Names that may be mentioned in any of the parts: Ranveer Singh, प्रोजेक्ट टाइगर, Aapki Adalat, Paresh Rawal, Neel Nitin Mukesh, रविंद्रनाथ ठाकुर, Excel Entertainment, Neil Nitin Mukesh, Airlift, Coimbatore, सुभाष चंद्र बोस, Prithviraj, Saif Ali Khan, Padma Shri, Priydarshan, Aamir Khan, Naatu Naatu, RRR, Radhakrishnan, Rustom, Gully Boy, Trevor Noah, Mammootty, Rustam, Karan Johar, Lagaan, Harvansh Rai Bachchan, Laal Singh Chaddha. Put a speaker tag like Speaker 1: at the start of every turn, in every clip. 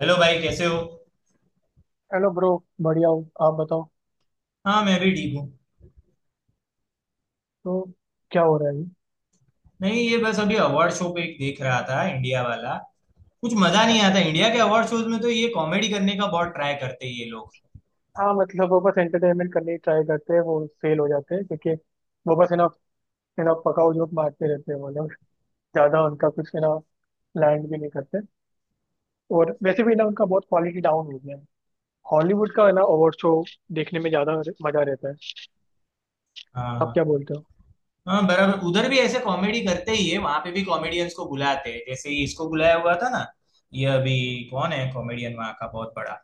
Speaker 1: Hello भाई कैसे हो।
Speaker 2: Hello bro. बढ़िया हो आप बताओ।
Speaker 1: हाँ मैं भी ठीक हूँ।
Speaker 2: तो क्या हो रहा है अभी?
Speaker 1: नहीं ये बस अभी अवार्ड शो पे एक देख रहा था इंडिया वाला। कुछ मजा नहीं
Speaker 2: अच्छा।
Speaker 1: आता इंडिया के अवार्ड शोज में, तो ये कॉमेडी करने का बहुत ट्राई करते हैं ये लोग।
Speaker 2: हाँ मतलब वो बस एंटरटेनमेंट करने की ट्राई करते हैं, वो फेल हो जाते हैं क्योंकि वो बस है ना, पकाऊ जोक मारते रहते हैं वो लोग। ज़्यादा उनका कुछ है ना, लैंड भी नहीं करते। और वैसे भी ना, उनका बहुत क्वालिटी डाउन हो गया है। हॉलीवुड का है ना अवार्ड शो, देखने में ज़्यादा मज़ा रहता है। आप
Speaker 1: हाँ।
Speaker 2: क्या बोलते हो?
Speaker 1: हाँ बराबर, उधर भी ऐसे कॉमेडी करते ही है, वहां पे भी कॉमेडियंस को बुलाते हैं, जैसे ये इसको बुलाया हुआ था ना। ये अभी कौन है कॉमेडियन वहां का बहुत बड़ा?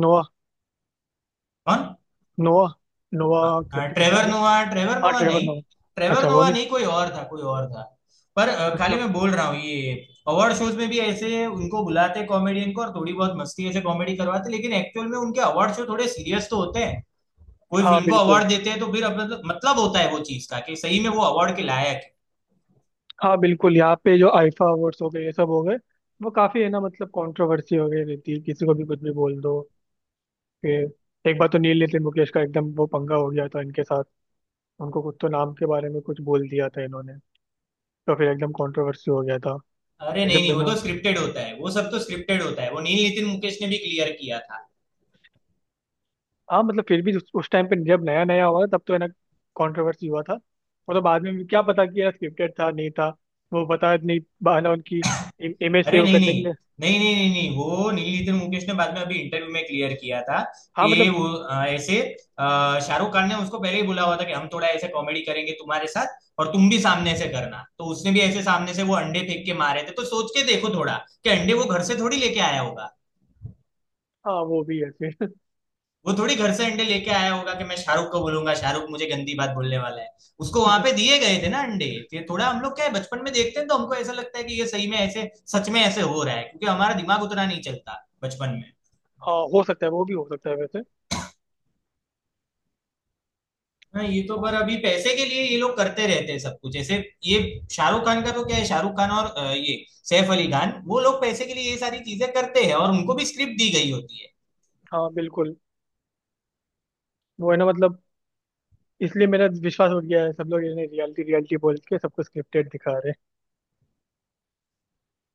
Speaker 2: नोआ।
Speaker 1: कौन?
Speaker 2: नोआ। नोआ
Speaker 1: हाँ
Speaker 2: करके कुछ
Speaker 1: ट्रेवर
Speaker 2: नाम है।
Speaker 1: नोवा, ट्रेवर
Speaker 2: हाँ
Speaker 1: नोवा
Speaker 2: ट्रेवर
Speaker 1: नहीं।
Speaker 2: नोआ।
Speaker 1: ट्रेवर
Speaker 2: अच्छा, वो
Speaker 1: नोवा
Speaker 2: नहीं।
Speaker 1: नहीं, कोई और था कोई और था। पर खाली
Speaker 2: अच्छा।
Speaker 1: मैं बोल रहा हूँ ये। अवार्ड शोज में भी ऐसे उनको बुलाते कॉमेडियन को, और थोड़ी बहुत मस्ती ऐसे कॉमेडी करवाते, लेकिन एक्चुअल में उनके अवार्ड शो थोड़े सीरियस तो होते हैं। कोई
Speaker 2: हाँ
Speaker 1: फिल्म को
Speaker 2: बिल्कुल।
Speaker 1: अवार्ड देते हैं तो फिर अब मतलब होता है वो चीज का कि सही में वो अवार्ड के लायक है।
Speaker 2: हाँ बिल्कुल, यहाँ पे जो आईफा अवार्ड्स हो गए, ये सब हो गए। वो काफी है ना मतलब, कंट्रोवर्सी हो गई रहती है, किसी को भी कुछ भी बोल दो। फिर एक बार तो नील नितिन मुकेश का एकदम वो पंगा हो गया था इनके साथ। उनको कुछ तो नाम के बारे में कुछ बोल दिया था इन्होंने। तो फिर एकदम कंट्रोवर्सी हो गया था।
Speaker 1: अरे नहीं
Speaker 2: एकदम
Speaker 1: नहीं, वो
Speaker 2: बिना।
Speaker 1: तो स्क्रिप्टेड होता है, वो सब तो स्क्रिप्टेड होता है, वो नील नितिन मुकेश ने भी क्लियर किया था।
Speaker 2: हाँ मतलब फिर भी उस टाइम पे जब नया नया हुआ था, तब तो है ना, कंट्रोवर्सी हुआ था। और तो बाद में क्या पता कि यार स्क्रिप्टेड था नहीं था। वो पता नहीं, बहाना उनकी इमेज
Speaker 1: अरे
Speaker 2: सेव
Speaker 1: नहीं
Speaker 2: करने के
Speaker 1: नहीं
Speaker 2: लिए।
Speaker 1: नहीं नहीं नहीं नहीं, वो नीलीधर मुकेश ने बाद में अभी इंटरव्यू में क्लियर किया था
Speaker 2: हाँ
Speaker 1: कि
Speaker 2: मतलब।
Speaker 1: वो ऐसे अ, शाहरुख खान ने उसको पहले ही बोला हुआ था कि हम थोड़ा ऐसे कॉमेडी करेंगे तुम्हारे साथ, और तुम भी सामने से करना, तो उसने भी ऐसे सामने से वो अंडे फेंक के मारे थे। तो सोच के देखो थोड़ा कि अंडे वो घर से थोड़ी लेके आया होगा।
Speaker 2: हाँ वो भी है फिर।
Speaker 1: वो थोड़ी घर से अंडे लेके आया होगा कि मैं शाहरुख को बोलूंगा, शाहरुख मुझे गंदी बात बोलने वाला है। उसको वहां पे दिए गए थे ना अंडे। तो ये थोड़ा, हम लोग क्या है बचपन में देखते हैं तो हमको ऐसा लगता है कि ये सही में ऐसे सच में ऐसे हो रहा है, क्योंकि हमारा दिमाग उतना नहीं चलता बचपन में।
Speaker 2: हाँ हो सकता है, वो भी हो सकता है वैसे।
Speaker 1: हाँ ये तो, पर अभी पैसे के लिए ये लोग करते रहते हैं सब कुछ ऐसे। ये शाहरुख खान का तो क्या है, शाहरुख खान और ये सैफ अली खान, वो लोग पैसे के लिए ये सारी चीजें करते हैं, और उनको भी स्क्रिप्ट दी गई होती है।
Speaker 2: हाँ बिल्कुल। वो है ना मतलब, इसलिए मेरा विश्वास उठ गया है। सब लोग इन्हें रियलिटी रियलिटी बोल के सबको स्क्रिप्टेड दिखा रहे हैं।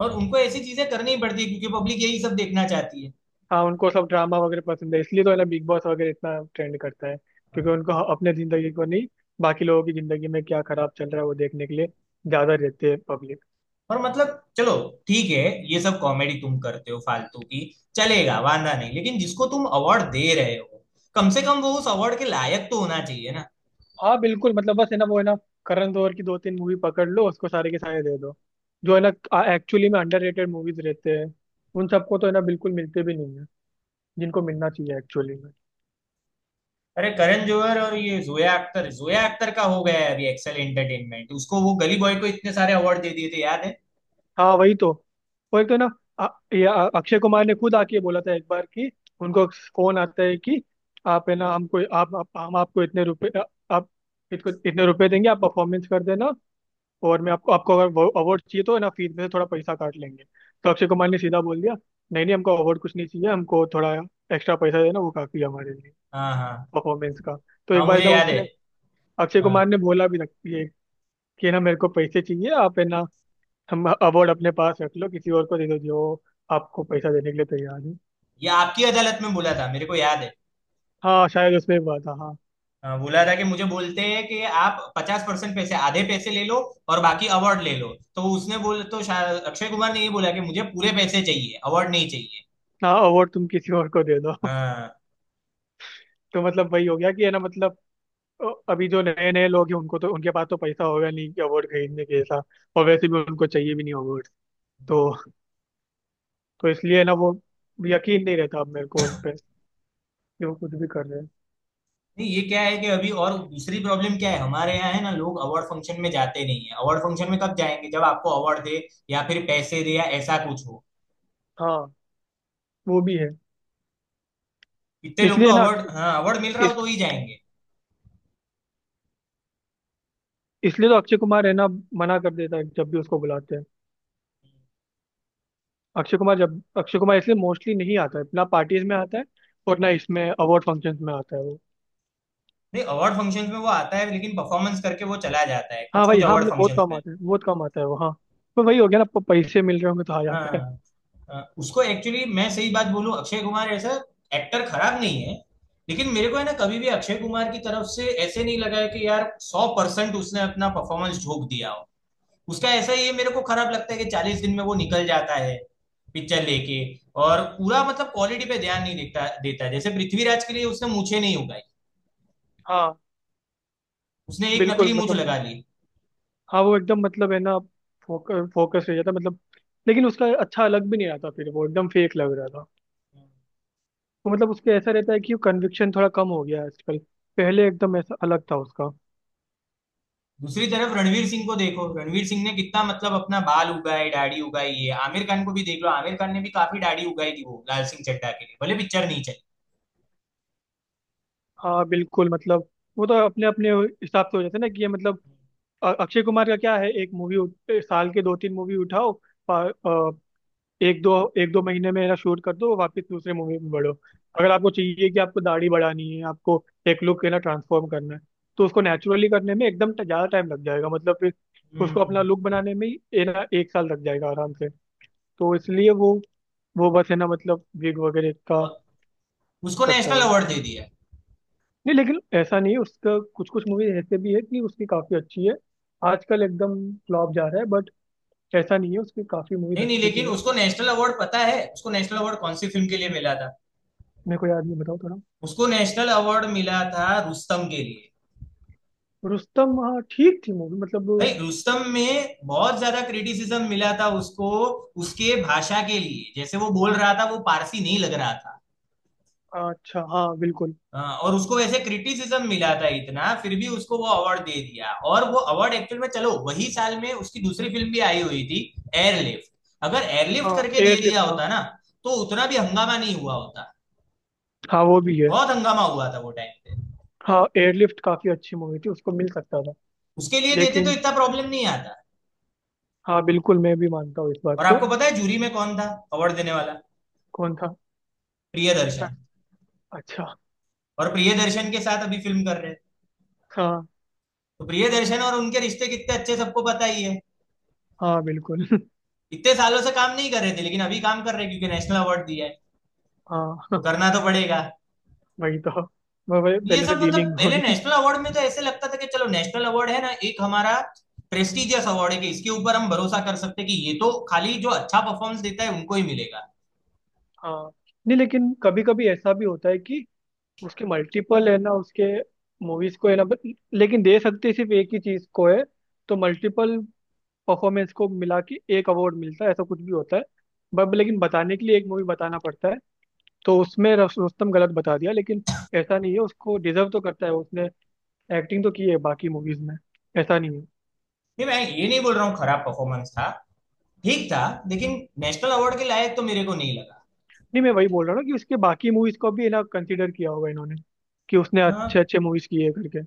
Speaker 1: और उनको ऐसी चीजें करनी ही पड़ती है क्योंकि पब्लिक यही सब देखना चाहती
Speaker 2: हाँ, उनको सब ड्रामा वगैरह पसंद है, इसलिए तो है ना बिग बॉस वगैरह इतना ट्रेंड करता है।
Speaker 1: है।
Speaker 2: क्योंकि उनको अपने जिंदगी को नहीं, बाकी लोगों की जिंदगी में क्या खराब चल रहा है वो देखने के लिए ज्यादा रहते हैं पब्लिक।
Speaker 1: और मतलब चलो ठीक है, ये सब कॉमेडी तुम करते हो फालतू की, चलेगा, वांदा नहीं, लेकिन जिसको तुम अवार्ड दे रहे हो, कम से कम वो उस अवार्ड के लायक तो होना चाहिए ना।
Speaker 2: हाँ बिल्कुल मतलब बस है ना, वो है ना, करण जौहर की दो तीन मूवी पकड़ लो, उसको सारे के सारे दे दो। जो है ना एक्चुअली में अंडररेटेड मूवीज रहते हैं, उन सबको तो है ना बिल्कुल मिलते भी नहीं है, जिनको मिलना चाहिए एक्चुअली।
Speaker 1: अरे करण जौहर और ये जोया अख्तर, जोया अख्तर का हो गया है अभी एक्सेल एंटरटेनमेंट, उसको, वो गली बॉय को इतने सारे अवार्ड दे दिए थे याद है।
Speaker 2: हाँ वही तो। वो एक तो ना, अ- ये अक्षय कुमार ने खुद आके बोला था एक बार कि उनको फोन आता है कि, आप है ना, हमको आप हम आपको इतने रुपए आप इसको इतने रुपए देंगे, आप परफॉर्मेंस कर देना। और मैं आपको आपको अगर अवार्ड चाहिए तो है ना, फीस में से थोड़ा पैसा काट लेंगे। तो अक्षय कुमार ने सीधा बोल दिया, नहीं नहीं, हमको अवार्ड कुछ नहीं चाहिए, हमको थोड़ा एक्स्ट्रा पैसा देना, वो काफी है हमारे लिए,
Speaker 1: हाँ हाँ।
Speaker 2: परफॉर्मेंस का। तो
Speaker 1: हाँ
Speaker 2: एक बार है
Speaker 1: मुझे
Speaker 2: ना
Speaker 1: याद है।
Speaker 2: उसने, अक्षय कुमार
Speaker 1: हाँ
Speaker 2: ने बोला भी रखती है कि है ना मेरे को पैसे चाहिए, आप है ना हम अवार्ड अपने पास रख लो, किसी और को दे दो जो आपको पैसा देने के लिए तैयार है।
Speaker 1: ये आपकी अदालत में बोला था, मेरे को याद है।
Speaker 2: हाँ शायद उसमें बात था, हाँ।
Speaker 1: हाँ, बोला था कि मुझे बोलते हैं कि आप 50% पैसे, आधे पैसे ले लो, और बाकी अवार्ड ले लो। तो उसने बोल तो अक्षय कुमार ने ये बोला कि मुझे पूरे पैसे चाहिए, अवार्ड नहीं चाहिए।
Speaker 2: हाँ, अवार्ड तुम किसी और को दे दो।
Speaker 1: हाँ।
Speaker 2: तो मतलब वही हो गया कि है ना मतलब, अ, अभी जो नए नए लोग हैं, उनको तो उनके पास तो पैसा होगा नहीं कि अवार्ड खरीदने के ऐसा। और वैसे भी उनको चाहिए भी नहीं अवार्ड। तो तो इसलिए ना वो, यकीन नहीं रहता अब मेरे को उन पे कि वो कुछ भी कर रहे हैं।
Speaker 1: नहीं ये क्या है कि अभी और दूसरी प्रॉब्लम क्या है हमारे यहाँ, है ना, लोग अवार्ड फंक्शन में जाते नहीं है। अवार्ड फंक्शन में कब जाएंगे, जब आपको अवार्ड दे, या फिर पैसे दे, या ऐसा कुछ हो।
Speaker 2: हाँ वो भी है।
Speaker 1: इतने लोग तो
Speaker 2: इसलिए ना,
Speaker 1: अवार्ड, हाँ अवार्ड मिल रहा हो
Speaker 2: इस
Speaker 1: तो ही जाएंगे।
Speaker 2: इसलिए तो अक्षय कुमार है ना मना कर देता है जब भी उसको बुलाते हैं। अक्षय कुमार इसलिए मोस्टली नहीं आता है ना पार्टीज में आता है। और ना इसमें अवार्ड फंक्शंस में आता है वो।
Speaker 1: नहीं अवार्ड फंक्शन में वो आता है, लेकिन परफॉर्मेंस करके वो चला जाता है
Speaker 2: हाँ
Speaker 1: कुछ
Speaker 2: भाई,
Speaker 1: कुछ
Speaker 2: हाँ
Speaker 1: अवार्ड
Speaker 2: मतलब बहुत
Speaker 1: फंक्शन
Speaker 2: कम
Speaker 1: में।
Speaker 2: आता है, बहुत कम आता है वो, हाँ। पर वही हो गया ना, पैसे मिल रहे होंगे तो आ जाता है।
Speaker 1: हाँ उसको एक्चुअली, मैं सही बात बोलूं, अक्षय कुमार ऐसा एक्टर खराब नहीं है, लेकिन मेरे को है ना कभी भी अक्षय कुमार की तरफ से ऐसे नहीं लगा है कि यार 100% उसने अपना परफॉर्मेंस झोंक दिया हो। उसका ऐसा ये मेरे को खराब लगता है कि 40 दिन में वो निकल जाता है पिक्चर लेके, और पूरा मतलब क्वालिटी पे ध्यान नहीं देता देता है। जैसे पृथ्वीराज के लिए उसने मूछें नहीं उगाई,
Speaker 2: हाँ
Speaker 1: उसने एक नकली
Speaker 2: बिल्कुल
Speaker 1: मूछ
Speaker 2: मतलब।
Speaker 1: लगा ली।
Speaker 2: हाँ वो एकदम मतलब है ना, फोकस फोकस हो जाता है मतलब। लेकिन उसका अच्छा लग भी नहीं आता, फिर वो एकदम फेक लग रहा था। तो मतलब उसके ऐसा रहता है कि कन्विक्शन थोड़ा कम हो गया है आजकल। पहले एकदम ऐसा अलग था उसका।
Speaker 1: दूसरी तरफ रणवीर सिंह को देखो, रणवीर सिंह ने कितना मतलब अपना बाल उगाए, दाढ़ी उगाई है। आमिर खान को भी देख लो, आमिर खान ने भी काफी दाढ़ी उगाई थी वो लाल सिंह चड्ढा के लिए, भले पिक्चर नहीं चली।
Speaker 2: हाँ बिल्कुल मतलब, वो तो अपने अपने हिसाब से हो जाता है ना, कि ये मतलब अक्षय कुमार का क्या है, साल के दो तीन मूवी उठाओ। प- अ, एक दो महीने में शूट कर दो, वापस दूसरे मूवी में बढ़ो। अगर आपको चाहिए कि आपको दाढ़ी बढ़ानी है, आपको एक लुक है ना ट्रांसफॉर्म करना है, तो उसको नेचुरली करने में एकदम ज्यादा टाइम लग जाएगा, मतलब फिर उसको अपना
Speaker 1: हम्म।
Speaker 2: लुक बनाने में ही ये ना एक साल लग जाएगा आराम से। तो इसलिए वो बस है ना मतलब विग वगैरह का
Speaker 1: और उसको
Speaker 2: करता है
Speaker 1: नेशनल
Speaker 2: वो।
Speaker 1: अवार्ड दे दिया।
Speaker 2: नहीं लेकिन ऐसा नहीं है, उसका कुछ कुछ मूवी ऐसे भी है कि उसकी काफी अच्छी है। आजकल एकदम फ्लॉप जा रहा है ऐसा नहीं है, उसकी काफी मूवीज
Speaker 1: नहीं नहीं,
Speaker 2: अच्छी भी
Speaker 1: लेकिन
Speaker 2: है।
Speaker 1: उसको नेशनल अवार्ड पता है उसको नेशनल अवार्ड कौन सी फिल्म के लिए मिला था?
Speaker 2: मेरे को याद नहीं, बताओ थोड़ा।
Speaker 1: उसको नेशनल अवार्ड मिला था रुस्तम के लिए।
Speaker 2: रुस्तम, हाँ ठीक थी मूवी मतलब।
Speaker 1: भाई रुस्तम में बहुत ज्यादा क्रिटिसिज्म मिला था उसको, उसके भाषा के लिए, जैसे वो बोल रहा था वो पारसी नहीं लग रहा था।
Speaker 2: अच्छा हाँ बिल्कुल।
Speaker 1: हाँ, और उसको वैसे क्रिटिसिज्म मिला था इतना, फिर भी उसको वो अवार्ड दे दिया। और वो अवार्ड एक्चुअल में, चलो वही साल में उसकी दूसरी फिल्म भी आई हुई थी, एयरलिफ्ट। अगर एयरलिफ्ट
Speaker 2: हाँ
Speaker 1: करके दे दिया
Speaker 2: एयरलिफ्ट। हाँ,
Speaker 1: होता ना तो उतना भी हंगामा नहीं हुआ होता।
Speaker 2: हाँ वो भी है।
Speaker 1: बहुत हंगामा हुआ था वो टाइम पे।
Speaker 2: हाँ एयरलिफ्ट काफी अच्छी मूवी थी, उसको मिल सकता था
Speaker 1: उसके लिए देते तो
Speaker 2: लेकिन।
Speaker 1: इतना प्रॉब्लम नहीं आता।
Speaker 2: हाँ बिल्कुल, मैं भी मानता हूँ इस बात
Speaker 1: और
Speaker 2: को।
Speaker 1: आपको पता है जूरी में कौन था अवार्ड देने वाला?
Speaker 2: कौन था? हाँ,
Speaker 1: प्रियदर्शन।
Speaker 2: अच्छा।
Speaker 1: और प्रियदर्शन के साथ अभी फिल्म कर रहे हैं।
Speaker 2: हाँ
Speaker 1: तो प्रियदर्शन और उनके रिश्ते कितने अच्छे सबको पता ही है।
Speaker 2: हाँ बिल्कुल।
Speaker 1: इतने सालों से काम नहीं कर रहे थे, लेकिन अभी काम कर रहे हैं क्योंकि नेशनल अवार्ड दिया है, तो
Speaker 2: हाँ
Speaker 1: करना तो पड़ेगा।
Speaker 2: वही तो, वह
Speaker 1: ये
Speaker 2: पहले से
Speaker 1: सब मतलब
Speaker 2: डीलिंग
Speaker 1: पहले
Speaker 2: होगी।
Speaker 1: नेशनल अवार्ड में तो ऐसे लगता था कि चलो नेशनल अवार्ड है ना एक हमारा प्रेस्टिजियस अवार्ड है, कि इसके ऊपर हम भरोसा कर सकते हैं कि ये तो खाली जो अच्छा परफॉर्मेंस देता है उनको ही मिलेगा।
Speaker 2: हाँ। नहीं लेकिन कभी कभी ऐसा भी होता है कि उसके मल्टीपल है ना, उसके मूवीज को है ना, बट लेकिन दे सकते सिर्फ एक ही चीज को है। तो मल्टीपल परफॉर्मेंस को मिला के एक अवार्ड मिलता है ऐसा कुछ भी होता है। बट लेकिन बताने के लिए एक मूवी बताना पड़ता है। तो उसमें रुस्तम गलत बता दिया, लेकिन ऐसा नहीं है उसको डिजर्व तो करता है, उसने एक्टिंग तो की है बाकी मूवीज में, ऐसा नहीं है।
Speaker 1: नहीं मैं ये नहीं बोल रहा हूँ खराब परफॉर्मेंस था, ठीक था, लेकिन नेशनल अवार्ड के लायक तो मेरे को नहीं लगा।
Speaker 2: नहीं मैं वही बोल रहा हूँ ना कि उसके बाकी मूवीज को भी है ना कंसिडर किया होगा इन्होंने, कि उसने अच्छे
Speaker 1: हाँ।
Speaker 2: अच्छे मूवीज किए करके।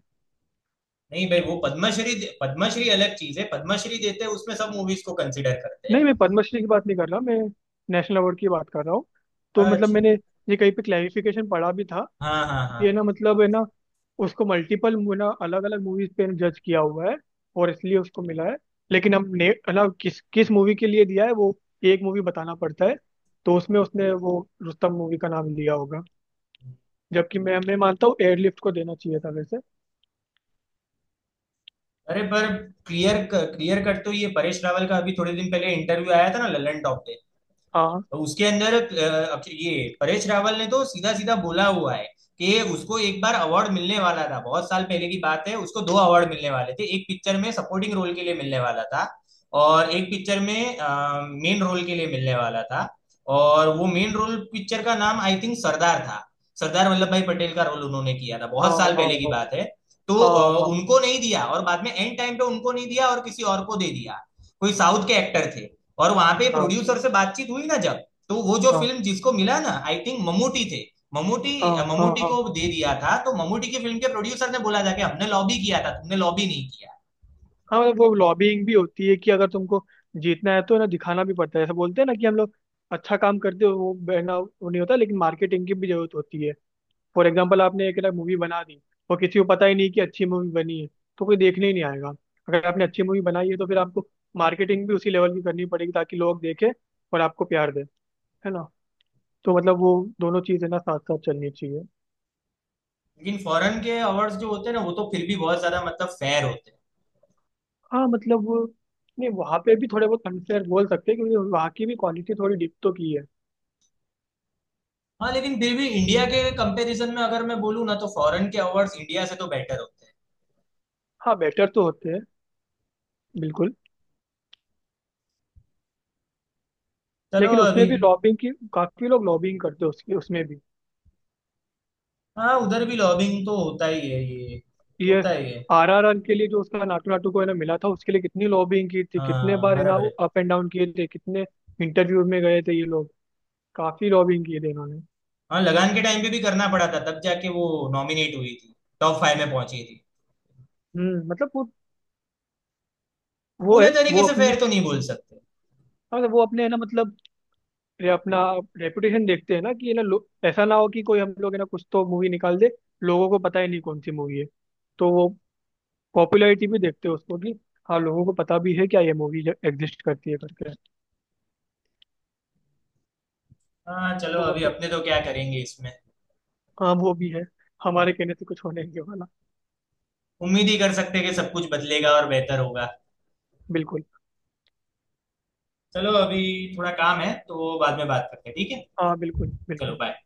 Speaker 1: नहीं भाई, वो पद्मश्री, पद्मश्री अलग चीज है, पद्मश्री देते हैं उसमें सब मूवीज को कंसिडर करते
Speaker 2: नहीं
Speaker 1: हैं।
Speaker 2: मैं पद्मश्री की बात नहीं कर रहा, मैं नेशनल अवार्ड की बात कर रहा हूँ। तो मतलब
Speaker 1: अच्छा।
Speaker 2: मैंने ये कहीं पे क्लैरिफिकेशन पढ़ा भी था,
Speaker 1: हाँ हाँ
Speaker 2: कि है
Speaker 1: हाँ।
Speaker 2: ना मतलब है ना, उसको मल्टीपल ना अलग अलग मूवीज पे जज किया हुआ है और इसलिए उसको मिला है। लेकिन हम ने है ना किस किस मूवी के लिए दिया है वो, एक मूवी बताना पड़ता है। तो उसमें उसने वो रुस्तम मूवी का नाम लिया होगा, जबकि मैं मानता हूँ एयरलिफ्ट को देना चाहिए था वैसे।
Speaker 1: अरे पर क्लियर क्लियर कट तो ये परेश रावल का अभी थोड़े दिन पहले इंटरव्यू आया था ना ललन टॉप पे।
Speaker 2: हाँ,
Speaker 1: तो उसके अंदर ये परेश रावल ने तो सीधा सीधा बोला हुआ है कि उसको एक बार अवार्ड मिलने वाला था, बहुत साल पहले की बात है, उसको दो अवार्ड मिलने वाले थे। एक पिक्चर में सपोर्टिंग रोल के लिए मिलने वाला था, और एक पिक्चर में मेन रोल के लिए मिलने वाला था। और वो मेन रोल पिक्चर का नाम आई थिंक सरदार था। सरदार वल्लभ भाई पटेल का रोल उन्होंने किया था,
Speaker 2: हाँ,
Speaker 1: बहुत साल पहले की
Speaker 2: हाँ,
Speaker 1: बात है। तो
Speaker 2: हाँ, हाँ,
Speaker 1: उनको नहीं दिया, और बाद में एंड टाइम पे उनको नहीं दिया और किसी और को दे दिया, कोई साउथ के एक्टर थे। और वहां पे
Speaker 2: हाँ,
Speaker 1: प्रोड्यूसर से बातचीत हुई ना जब, तो वो जो
Speaker 2: हाँ,
Speaker 1: फिल्म जिसको मिला ना आई थिंक ममूटी थे, ममूटी।
Speaker 2: हाँ, हाँ, हाँ, हाँ,
Speaker 1: ममूटी
Speaker 2: हाँ।
Speaker 1: को दे दिया था, तो ममूटी की फिल्म के प्रोड्यूसर ने बोला था कि हमने लॉबी किया था, तुमने लॉबी नहीं किया।
Speaker 2: हाँ मतलब वो लॉबिंग भी होती है कि अगर तुमको जीतना है तो ना दिखाना भी पड़ता है, ऐसा बोलते हैं ना कि हम लोग अच्छा काम करते हो वो बहना, वो नहीं होता, लेकिन मार्केटिंग की भी जरूरत होती है। फॉर एग्जाम्पल, आपने एक ना मूवी बना दी, और किसी को पता ही नहीं कि अच्छी मूवी बनी है, तो कोई देखने ही नहीं आएगा। अगर आपने अच्छी मूवी बनाई है तो फिर आपको मार्केटिंग भी उसी लेवल की करनी पड़ेगी, ताकि लोग देखें और आपको प्यार दें, है ना। तो मतलब वो दोनों चीज़ें ना साथ साथ चलनी चाहिए।
Speaker 1: लेकिन फॉरेन के अवार्ड्स जो होते हैं ना, वो तो फिर भी बहुत ज्यादा मतलब फेयर होते हैं।
Speaker 2: हाँ मतलब नहीं, वहाँ पे भी थोड़े बहुत अनफेयर बोल सकते हैं क्योंकि वहाँ की भी क्वालिटी थोड़ी डिप तो की है।
Speaker 1: हाँ लेकिन फिर भी इंडिया के कंपैरिजन में अगर मैं बोलूँ ना, तो फॉरेन के अवार्ड्स इंडिया से तो बेटर होते हैं।
Speaker 2: हाँ बेटर तो होते हैं, बिल्कुल।
Speaker 1: चलो
Speaker 2: लेकिन
Speaker 1: अभी।
Speaker 2: उसमें भी लॉबिंग की, काफी लोग लॉबिंग करते हैं उसकी, उसमें भी
Speaker 1: हाँ उधर भी लॉबिंग तो होता ही है, ये
Speaker 2: ये
Speaker 1: होता ही है।
Speaker 2: RRR के लिए जो उसका नाटू नाटू को है ना मिला था, उसके लिए कितनी लॉबिंग की थी, कितने
Speaker 1: हाँ
Speaker 2: बार है ना
Speaker 1: बराबर है।
Speaker 2: वो अप एंड डाउन किए थे, कितने इंटरव्यू में गए थे ये लोग, काफी लॉबिंग किए थे इन्होंने।
Speaker 1: हाँ लगान के टाइम पे भी करना पड़ा था, तब जाके वो नॉमिनेट हुई थी, टॉप 5 में पहुंची थी।
Speaker 2: मतलब
Speaker 1: पूरे
Speaker 2: वो
Speaker 1: तरीके से
Speaker 2: अपनी,
Speaker 1: फेयर तो नहीं बोल सकते।
Speaker 2: हाँ, मतलब वो अपने है ना मतलब, ये अपना रेपुटेशन देखते हैं ना कि ऐसा ना हो कि कोई हम लोग है ना कुछ तो मूवी निकाल दे, लोगों को पता ही नहीं कौन सी मूवी है, तो वो पॉपुलैरिटी भी देखते हैं उसको कि हाँ लोगों को पता भी है क्या ये मूवी एग्जिस्ट करती है करके।
Speaker 1: हाँ चलो
Speaker 2: तो
Speaker 1: अभी
Speaker 2: मतलब,
Speaker 1: अपने तो क्या करेंगे इसमें,
Speaker 2: हाँ वो भी है, हमारे कहने से कुछ होने नहीं वाला।
Speaker 1: उम्मीद ही कर सकते हैं कि सब कुछ बदलेगा और बेहतर होगा।
Speaker 2: बिल्कुल।
Speaker 1: चलो अभी थोड़ा काम है तो बाद में बात करते हैं, ठीक है।
Speaker 2: हाँ बिल्कुल
Speaker 1: चलो
Speaker 2: बिल्कुल।
Speaker 1: बाय।